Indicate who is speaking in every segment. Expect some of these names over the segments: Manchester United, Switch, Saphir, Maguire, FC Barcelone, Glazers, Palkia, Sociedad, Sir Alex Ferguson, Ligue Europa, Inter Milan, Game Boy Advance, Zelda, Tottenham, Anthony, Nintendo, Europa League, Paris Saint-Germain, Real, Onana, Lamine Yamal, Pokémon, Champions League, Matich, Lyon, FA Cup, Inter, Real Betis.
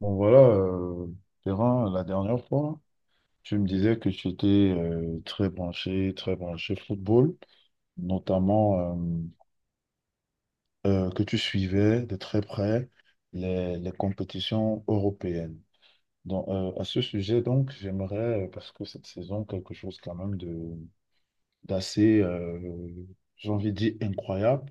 Speaker 1: Bon voilà, Perrin, la dernière fois, tu me disais que tu étais très branché football, notamment que tu
Speaker 2: Oui,
Speaker 1: suivais de très près les compétitions européennes. Donc, à ce sujet, donc, j'aimerais, parce que cette saison, quelque chose quand même de d'assez, j'ai envie de dire, incroyable.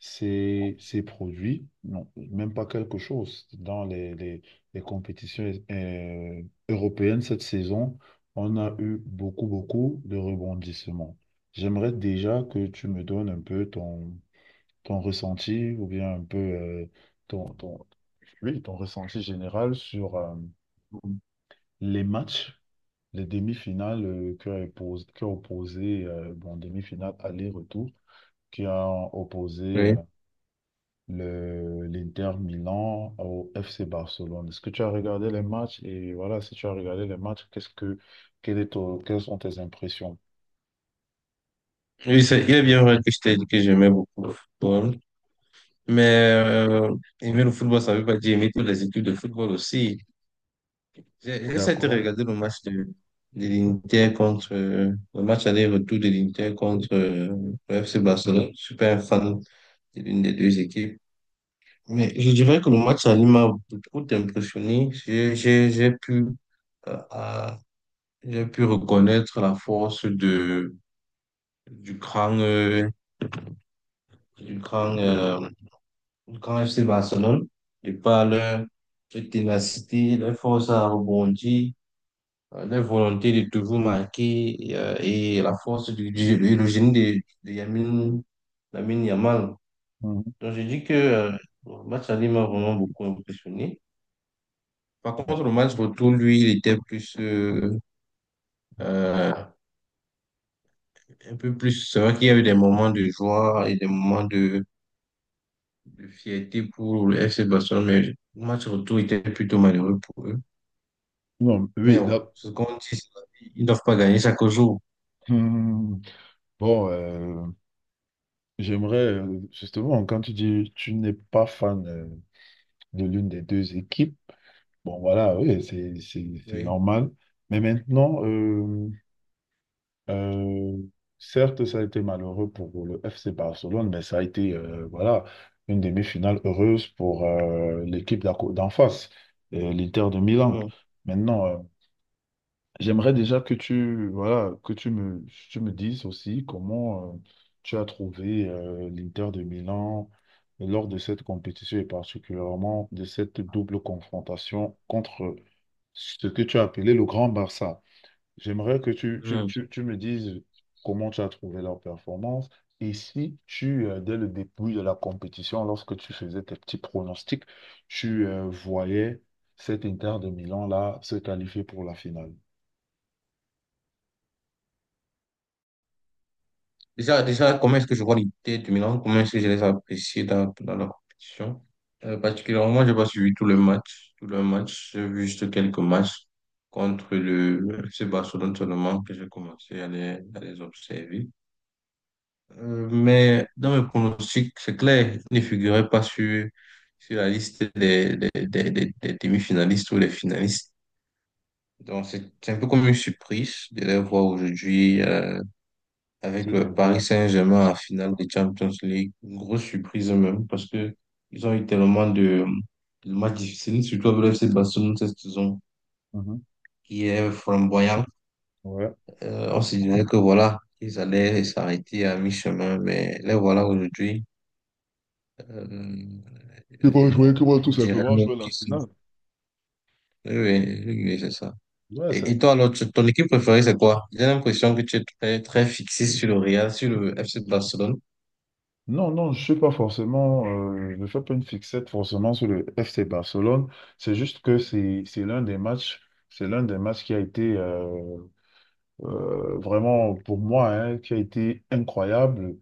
Speaker 1: Ces produits, non, même pas quelque chose. Dans les compétitions européennes cette saison, on a eu beaucoup, beaucoup de rebondissements. J'aimerais déjà que tu me donnes un peu ton ressenti ou bien un peu ton, ton, oui, ton ressenti général sur les matchs, les demi-finales qui ont opposé bon, demi-finale aller-retour qui ont opposé l'Inter Milan au FC Barcelone. Est-ce que tu as regardé les matchs? Et voilà, si tu as regardé les matchs, quelles sont tes impressions?
Speaker 2: oui c'est- Il est bien vrai que je t'ai dit que j'aimais beaucoup le football, mais aimer le football, ça ne veut pas dire aimer toutes les équipes de football aussi. J'ai essayé de
Speaker 1: D'accord.
Speaker 2: regarder le match aller-retour de l'Inter contre le FC Barcelone. Je suis pas un fan de l'une des deux équipes. Mais je dirais que le match aller m'a beaucoup impressionné. Euh, à- j'ai pu reconnaître la force du cran du grand, euh, du grand FC Barcelone, de par leur ténacité, leur force à rebondir, leur volonté de toujours marquer et la force et le génie de Lamine Yamal.
Speaker 1: Mhm.
Speaker 2: Donc, je dis que le match aller m'a vraiment beaucoup impressionné. Par contre, le match retour, lui, il était euh, un peu plus. C'est vrai qu'il y a eu des moments de joie et des moments de fierté pour le FC Barcelone, mais le match retour était plutôt malheureux pour eux.
Speaker 1: Non,
Speaker 2: Mais
Speaker 1: oui,
Speaker 2: bon, ce qu'on dit, c'est qu'ils ne doivent pas gagner chaque jour.
Speaker 1: hmm. Bon, j'aimerais justement, quand tu dis tu n'es pas fan de l'une des deux équipes, bon voilà, oui, c'est
Speaker 2: Oui.
Speaker 1: normal. Mais maintenant, Euh, certes, ça a été malheureux pour le FC Barcelone, mais ça a été voilà, une demi-finale heureuse pour l'équipe d'en face, l'Inter de Milan.
Speaker 2: Mhm.
Speaker 1: Maintenant, j'aimerais déjà que tu, voilà, tu me dises aussi comment tu as trouvé l'Inter de Milan lors de cette compétition et particulièrement de cette double confrontation contre ce que tu as appelé le Grand Barça. J'aimerais que
Speaker 2: Mhm.
Speaker 1: tu me dises comment tu as trouvé leur performance et si tu, dès le début de la compétition, lorsque tu faisais tes petits pronostics, tu voyais cet Inter de Milan-là se qualifier pour la finale.
Speaker 2: Déjà, déjà, comment est-ce que je vois l'idée de Milan? Comment est-ce que je les apprécie dans la compétition? Particulièrement, je n'ai pas suivi tout le match. Tout le match, j'ai vu juste quelques matchs contre le FC Barcelone seulement que j'ai commencé à les observer. Mais dans mes pronostics, c'est clair, ils ne figurait pas sur la liste des demi-finalistes ou des finalistes. Donc, c'est un peu comme une surprise de les voir aujourd'hui
Speaker 1: Ce
Speaker 2: avec le
Speaker 1: niveau-là.
Speaker 2: Paris Saint-Germain en finale de Champions League. Une grosse surprise même parce que ils ont eu tellement de matchs difficiles, surtout avec le FC Barcelone cette saison
Speaker 1: Mhm.
Speaker 2: qui est flamboyant.
Speaker 1: Ouais.
Speaker 2: On se disait que voilà, ils allaient s'arrêter à mi-chemin, mais les voilà aujourd'hui. Euh,
Speaker 1: Ils vont
Speaker 2: et
Speaker 1: jouer, qu'ils vont
Speaker 2: on
Speaker 1: tout
Speaker 2: dirait
Speaker 1: simplement
Speaker 2: même
Speaker 1: jouer la
Speaker 2: qu'ils sont...
Speaker 1: finale.
Speaker 2: Oui, oui, oui, c'est ça.
Speaker 1: Ouais, c'est-
Speaker 2: Et toi, alors, ton équipe préférée, c'est quoi? J'ai l'impression que tu es très, très fixé sur le Real, sur le FC Barcelone.
Speaker 1: non, non, je suis pas forcément, je ne fais pas une fixette forcément sur le FC Barcelone. C'est juste que c'est l'un des matchs, c'est l'un des matchs qui a été vraiment pour moi, hein, qui a été incroyable,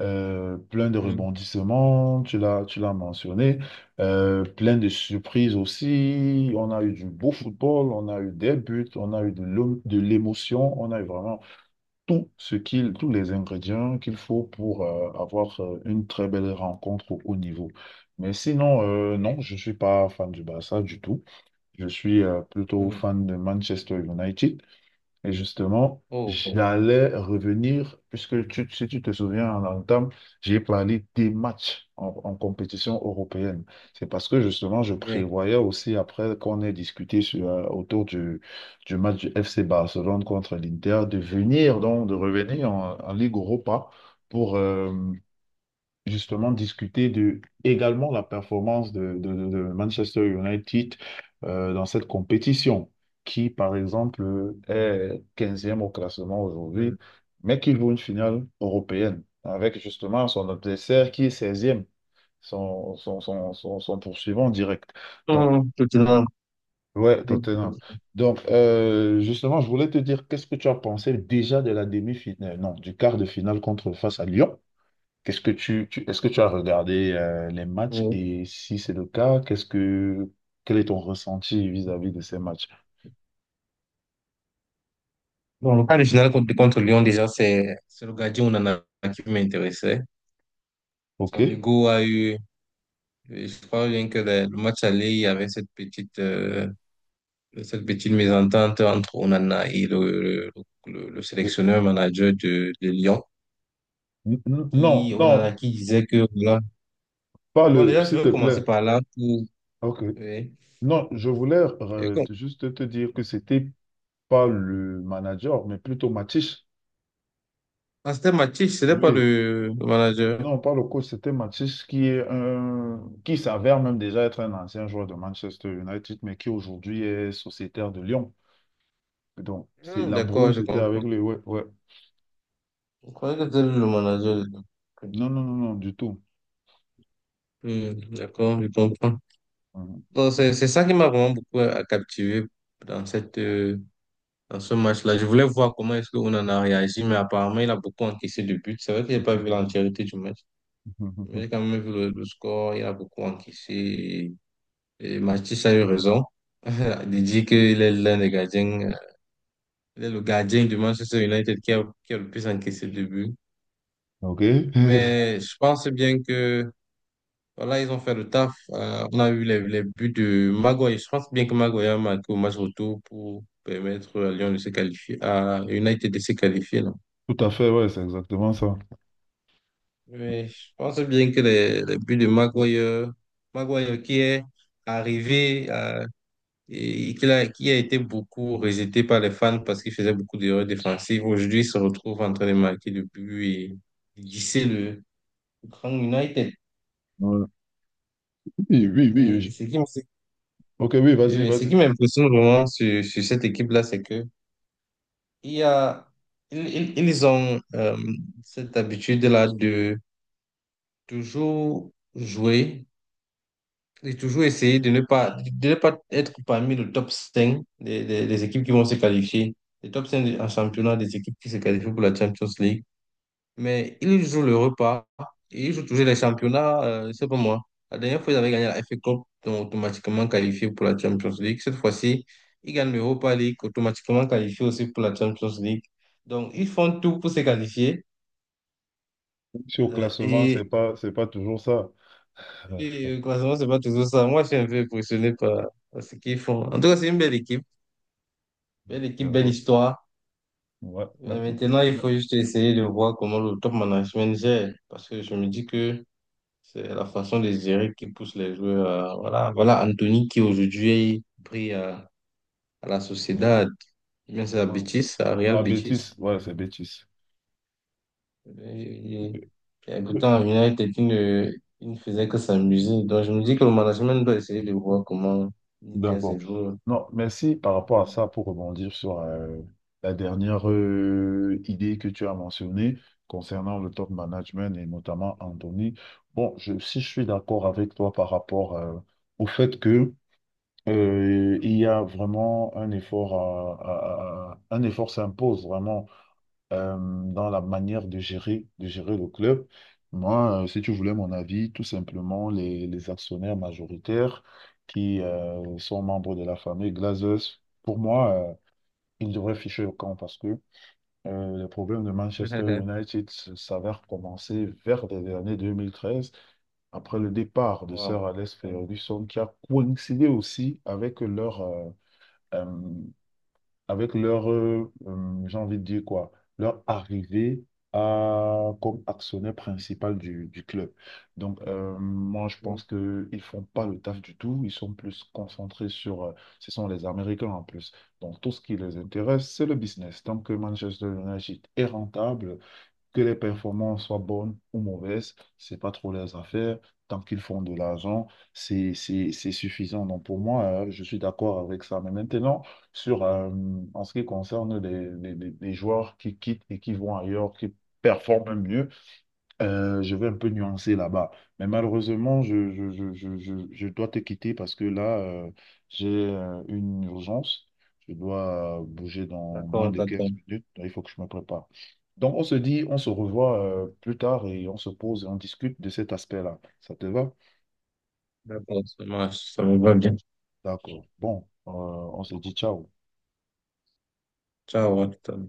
Speaker 1: plein de
Speaker 2: Mhm.
Speaker 1: rebondissements, tu l'as mentionné, plein de surprises aussi. On a eu du beau football, on a eu des buts, on a eu de l'émotion, on a eu vraiment tous les ingrédients qu'il faut pour avoir une très belle rencontre au haut niveau. Mais sinon, non,
Speaker 2: Oui.
Speaker 1: je ne suis pas fan du Barça du tout. Je suis plutôt
Speaker 2: Mhm.
Speaker 1: fan de Manchester United. Et justement,
Speaker 2: Oh,
Speaker 1: j'allais revenir, puisque si tu te souviens, en entame, j'ai parlé des matchs en compétition européenne. C'est parce que justement, je
Speaker 2: oui.
Speaker 1: prévoyais aussi, après qu'on ait discuté sur, autour du match du FC Barcelone contre l'Inter, de venir, donc de revenir en Ligue Europa pour, justement discuter de également la performance de Manchester United dans cette compétition, qui par exemple est quinzième au classement aujourd'hui,
Speaker 2: Mhm.
Speaker 1: mais qui joue une finale européenne avec justement son adversaire qui est seizième e son poursuivant direct. Donc,
Speaker 2: Mhm, Tottenham.
Speaker 1: ouais,
Speaker 2: Oui,
Speaker 1: Tottenham. Donc, justement, je voulais te dire, qu'est-ce que tu as pensé déjà de la demi-finale, non, du quart de finale contre face à Lyon? Qu'est-ce que est-ce que tu as regardé les matchs
Speaker 2: oui.
Speaker 1: et si c'est le cas, qu'est-ce que quel est ton ressenti vis-à-vis de ces matchs?
Speaker 2: Bon, le cas de finale contre Lyon, déjà, c'est le gardien Onana qui m'intéressait.
Speaker 1: OK.
Speaker 2: Son ego a eu, je crois bien que le match aller, il y avait cette petite mésentente entre Onana et le, le sélectionneur manager de Lyon.
Speaker 1: Non,
Speaker 2: Onana
Speaker 1: non,
Speaker 2: qui disait que voilà.
Speaker 1: pas
Speaker 2: Bon,
Speaker 1: le,
Speaker 2: déjà, je
Speaker 1: s'il te
Speaker 2: vais
Speaker 1: plaît.
Speaker 2: commencer par là.
Speaker 1: OK.
Speaker 2: Oui.
Speaker 1: Non, je voulais
Speaker 2: Et com-
Speaker 1: juste te dire que c'était pas le manager, mais plutôt Matich.
Speaker 2: Ah, c'était Mathieu, ce n'est pas
Speaker 1: Oui.
Speaker 2: le manager.
Speaker 1: Non, pas le coach, c'était Matich qui est un, qui s'avère même déjà être un ancien joueur de Manchester United, mais qui aujourd'hui est sociétaire de Lyon. Donc, c'est
Speaker 2: Hmm,
Speaker 1: la
Speaker 2: d'accord,
Speaker 1: brouille,
Speaker 2: je
Speaker 1: c'était avec
Speaker 2: comprends.
Speaker 1: lui. Ouais, ouais.
Speaker 2: Je croyais que c'était lui le manager.
Speaker 1: Non, non, non, non, du tout.
Speaker 2: Hmm, d'accord, je comprends. Donc, c'est ça qui m'a vraiment beaucoup captivé dans dans ce match-là. Je voulais voir comment est-ce qu'on en a réagi, mais apparemment, il a beaucoup encaissé de buts. C'est vrai que j'ai pas vu l'entièreté du match, mais j'ai quand même vu le score. Il a beaucoup encaissé. Et Mathieu a eu raison. De dire qu'il est l'un des gardiens. Il est le gardien de Manchester United qui a le plus encaissé de buts.
Speaker 1: Ok.
Speaker 2: Mais je pense bien que voilà, ils ont fait le taf. On a eu les buts de Maguire. Je pense bien que Maguire a marqué au match retour pour permettre à Lyon de se qualifier, à United de se qualifier, non?
Speaker 1: Tout à fait, ouais, c'est exactement ça.
Speaker 2: Mais je pense bien que les buts de Maguire qui est arrivé qui a été beaucoup rejeté par les fans parce qu'il faisait beaucoup d'erreurs défensives. Aujourd'hui, il se retrouve en train de marquer le but et glisser le Grand United.
Speaker 1: Ouais. Oui, oui, oui,
Speaker 2: Et
Speaker 1: oui.
Speaker 2: ce qui, me-
Speaker 1: Ok, oui, vas-y,
Speaker 2: Ce qui
Speaker 1: vas-y.
Speaker 2: m'impressionne vraiment sur cette équipe-là, c'est que il y a, ils- ils ont cette habitude-là de toujours jouer et toujours essayer de ne pas être parmi le top 5 des équipes qui vont se qualifier. Les top 5 en championnat des équipes qui se qualifient pour la Champions League. Mais ils jouent le repas. Ils jouent toujours les championnats. C'est pas moi. La dernière fois, ils avaient gagné la FA Cup, donc automatiquement qualifié pour la Champions League. Cette fois-ci, ils gagnent l'Europa League, automatiquement qualifié aussi pour la Champions League. Donc, ils font tout pour se qualifier.
Speaker 1: Si au
Speaker 2: euh,
Speaker 1: classement,
Speaker 2: et
Speaker 1: c'est pas toujours ça. Euh,
Speaker 2: et croisement, c'est pas toujours ça. Moi, je suis un peu impressionné par ce qu'ils font. En tout cas, c'est une belle équipe. Belle équipe, belle
Speaker 1: d'accord.
Speaker 2: histoire.
Speaker 1: Ouais.
Speaker 2: Maintenant, il
Speaker 1: Mais-
Speaker 2: faut juste essayer de voir comment le top management gère. Parce que je me dis que c'est la façon de gérer qui pousse les joueurs. Voilà, voilà Anthony qui aujourd'hui brille à la Sociedad, mais c'est à
Speaker 1: ouais.
Speaker 2: Betis, à
Speaker 1: Non,
Speaker 2: Real
Speaker 1: à
Speaker 2: Betis.
Speaker 1: bêtise. Ouais, c'est bêtise.
Speaker 2: Il y a un à United, il ne faisait que s'amuser. Donc je me dis que le management doit essayer de voir comment il gère ses
Speaker 1: D'accord.
Speaker 2: joueurs.
Speaker 1: Non, merci par rapport à ça pour rebondir sur la dernière idée que tu as mentionnée concernant le top management et notamment Anthony. Bon, je, si je suis d'accord avec toi par rapport au fait que il y a vraiment un effort un effort s'impose vraiment dans la manière de gérer le club. Moi, si tu voulais mon avis, tout simplement, les actionnaires majoritaires qui sont membres de la famille Glazers, pour moi, ils devraient ficher au camp parce que les problèmes de Manchester United s'avèrent commencer vers les années 2013, après le départ de
Speaker 2: Wow.
Speaker 1: Sir Alex Ferguson, qui a coïncidé aussi avec euh, avec leur, j'ai envie de dire quoi, leur arrivée à, comme actionnaire principal du club. Donc, moi, je
Speaker 2: Euh,
Speaker 1: pense qu'ils ne font pas le taf du tout. Ils sont plus concentrés sur, ce sont les Américains en plus. Donc, tout ce qui les intéresse, c'est le business. Tant que Manchester United est rentable, que les performances soient bonnes ou mauvaises, c'est pas trop leurs affaires. Tant qu'ils font de l'argent, c'est suffisant. Donc pour moi, je suis d'accord avec ça. Mais maintenant, sur, en ce qui concerne les joueurs qui quittent et qui vont ailleurs, qui performent mieux, je vais un peu nuancer là-bas. Mais malheureusement, je dois te quitter parce que là, j'ai une urgence. Je dois bouger dans moins
Speaker 2: D'accord,
Speaker 1: de
Speaker 2: d'accord,
Speaker 1: 15 minutes. Il faut que je me prépare. Donc, on se dit, on se revoit plus tard et on se pose et on discute de cet aspect-là. Ça te va?
Speaker 2: d'accord, ça marche, ça me va bien.
Speaker 1: D'accord. Bon, on se dit ciao.
Speaker 2: Ciao, à tout à l'heure.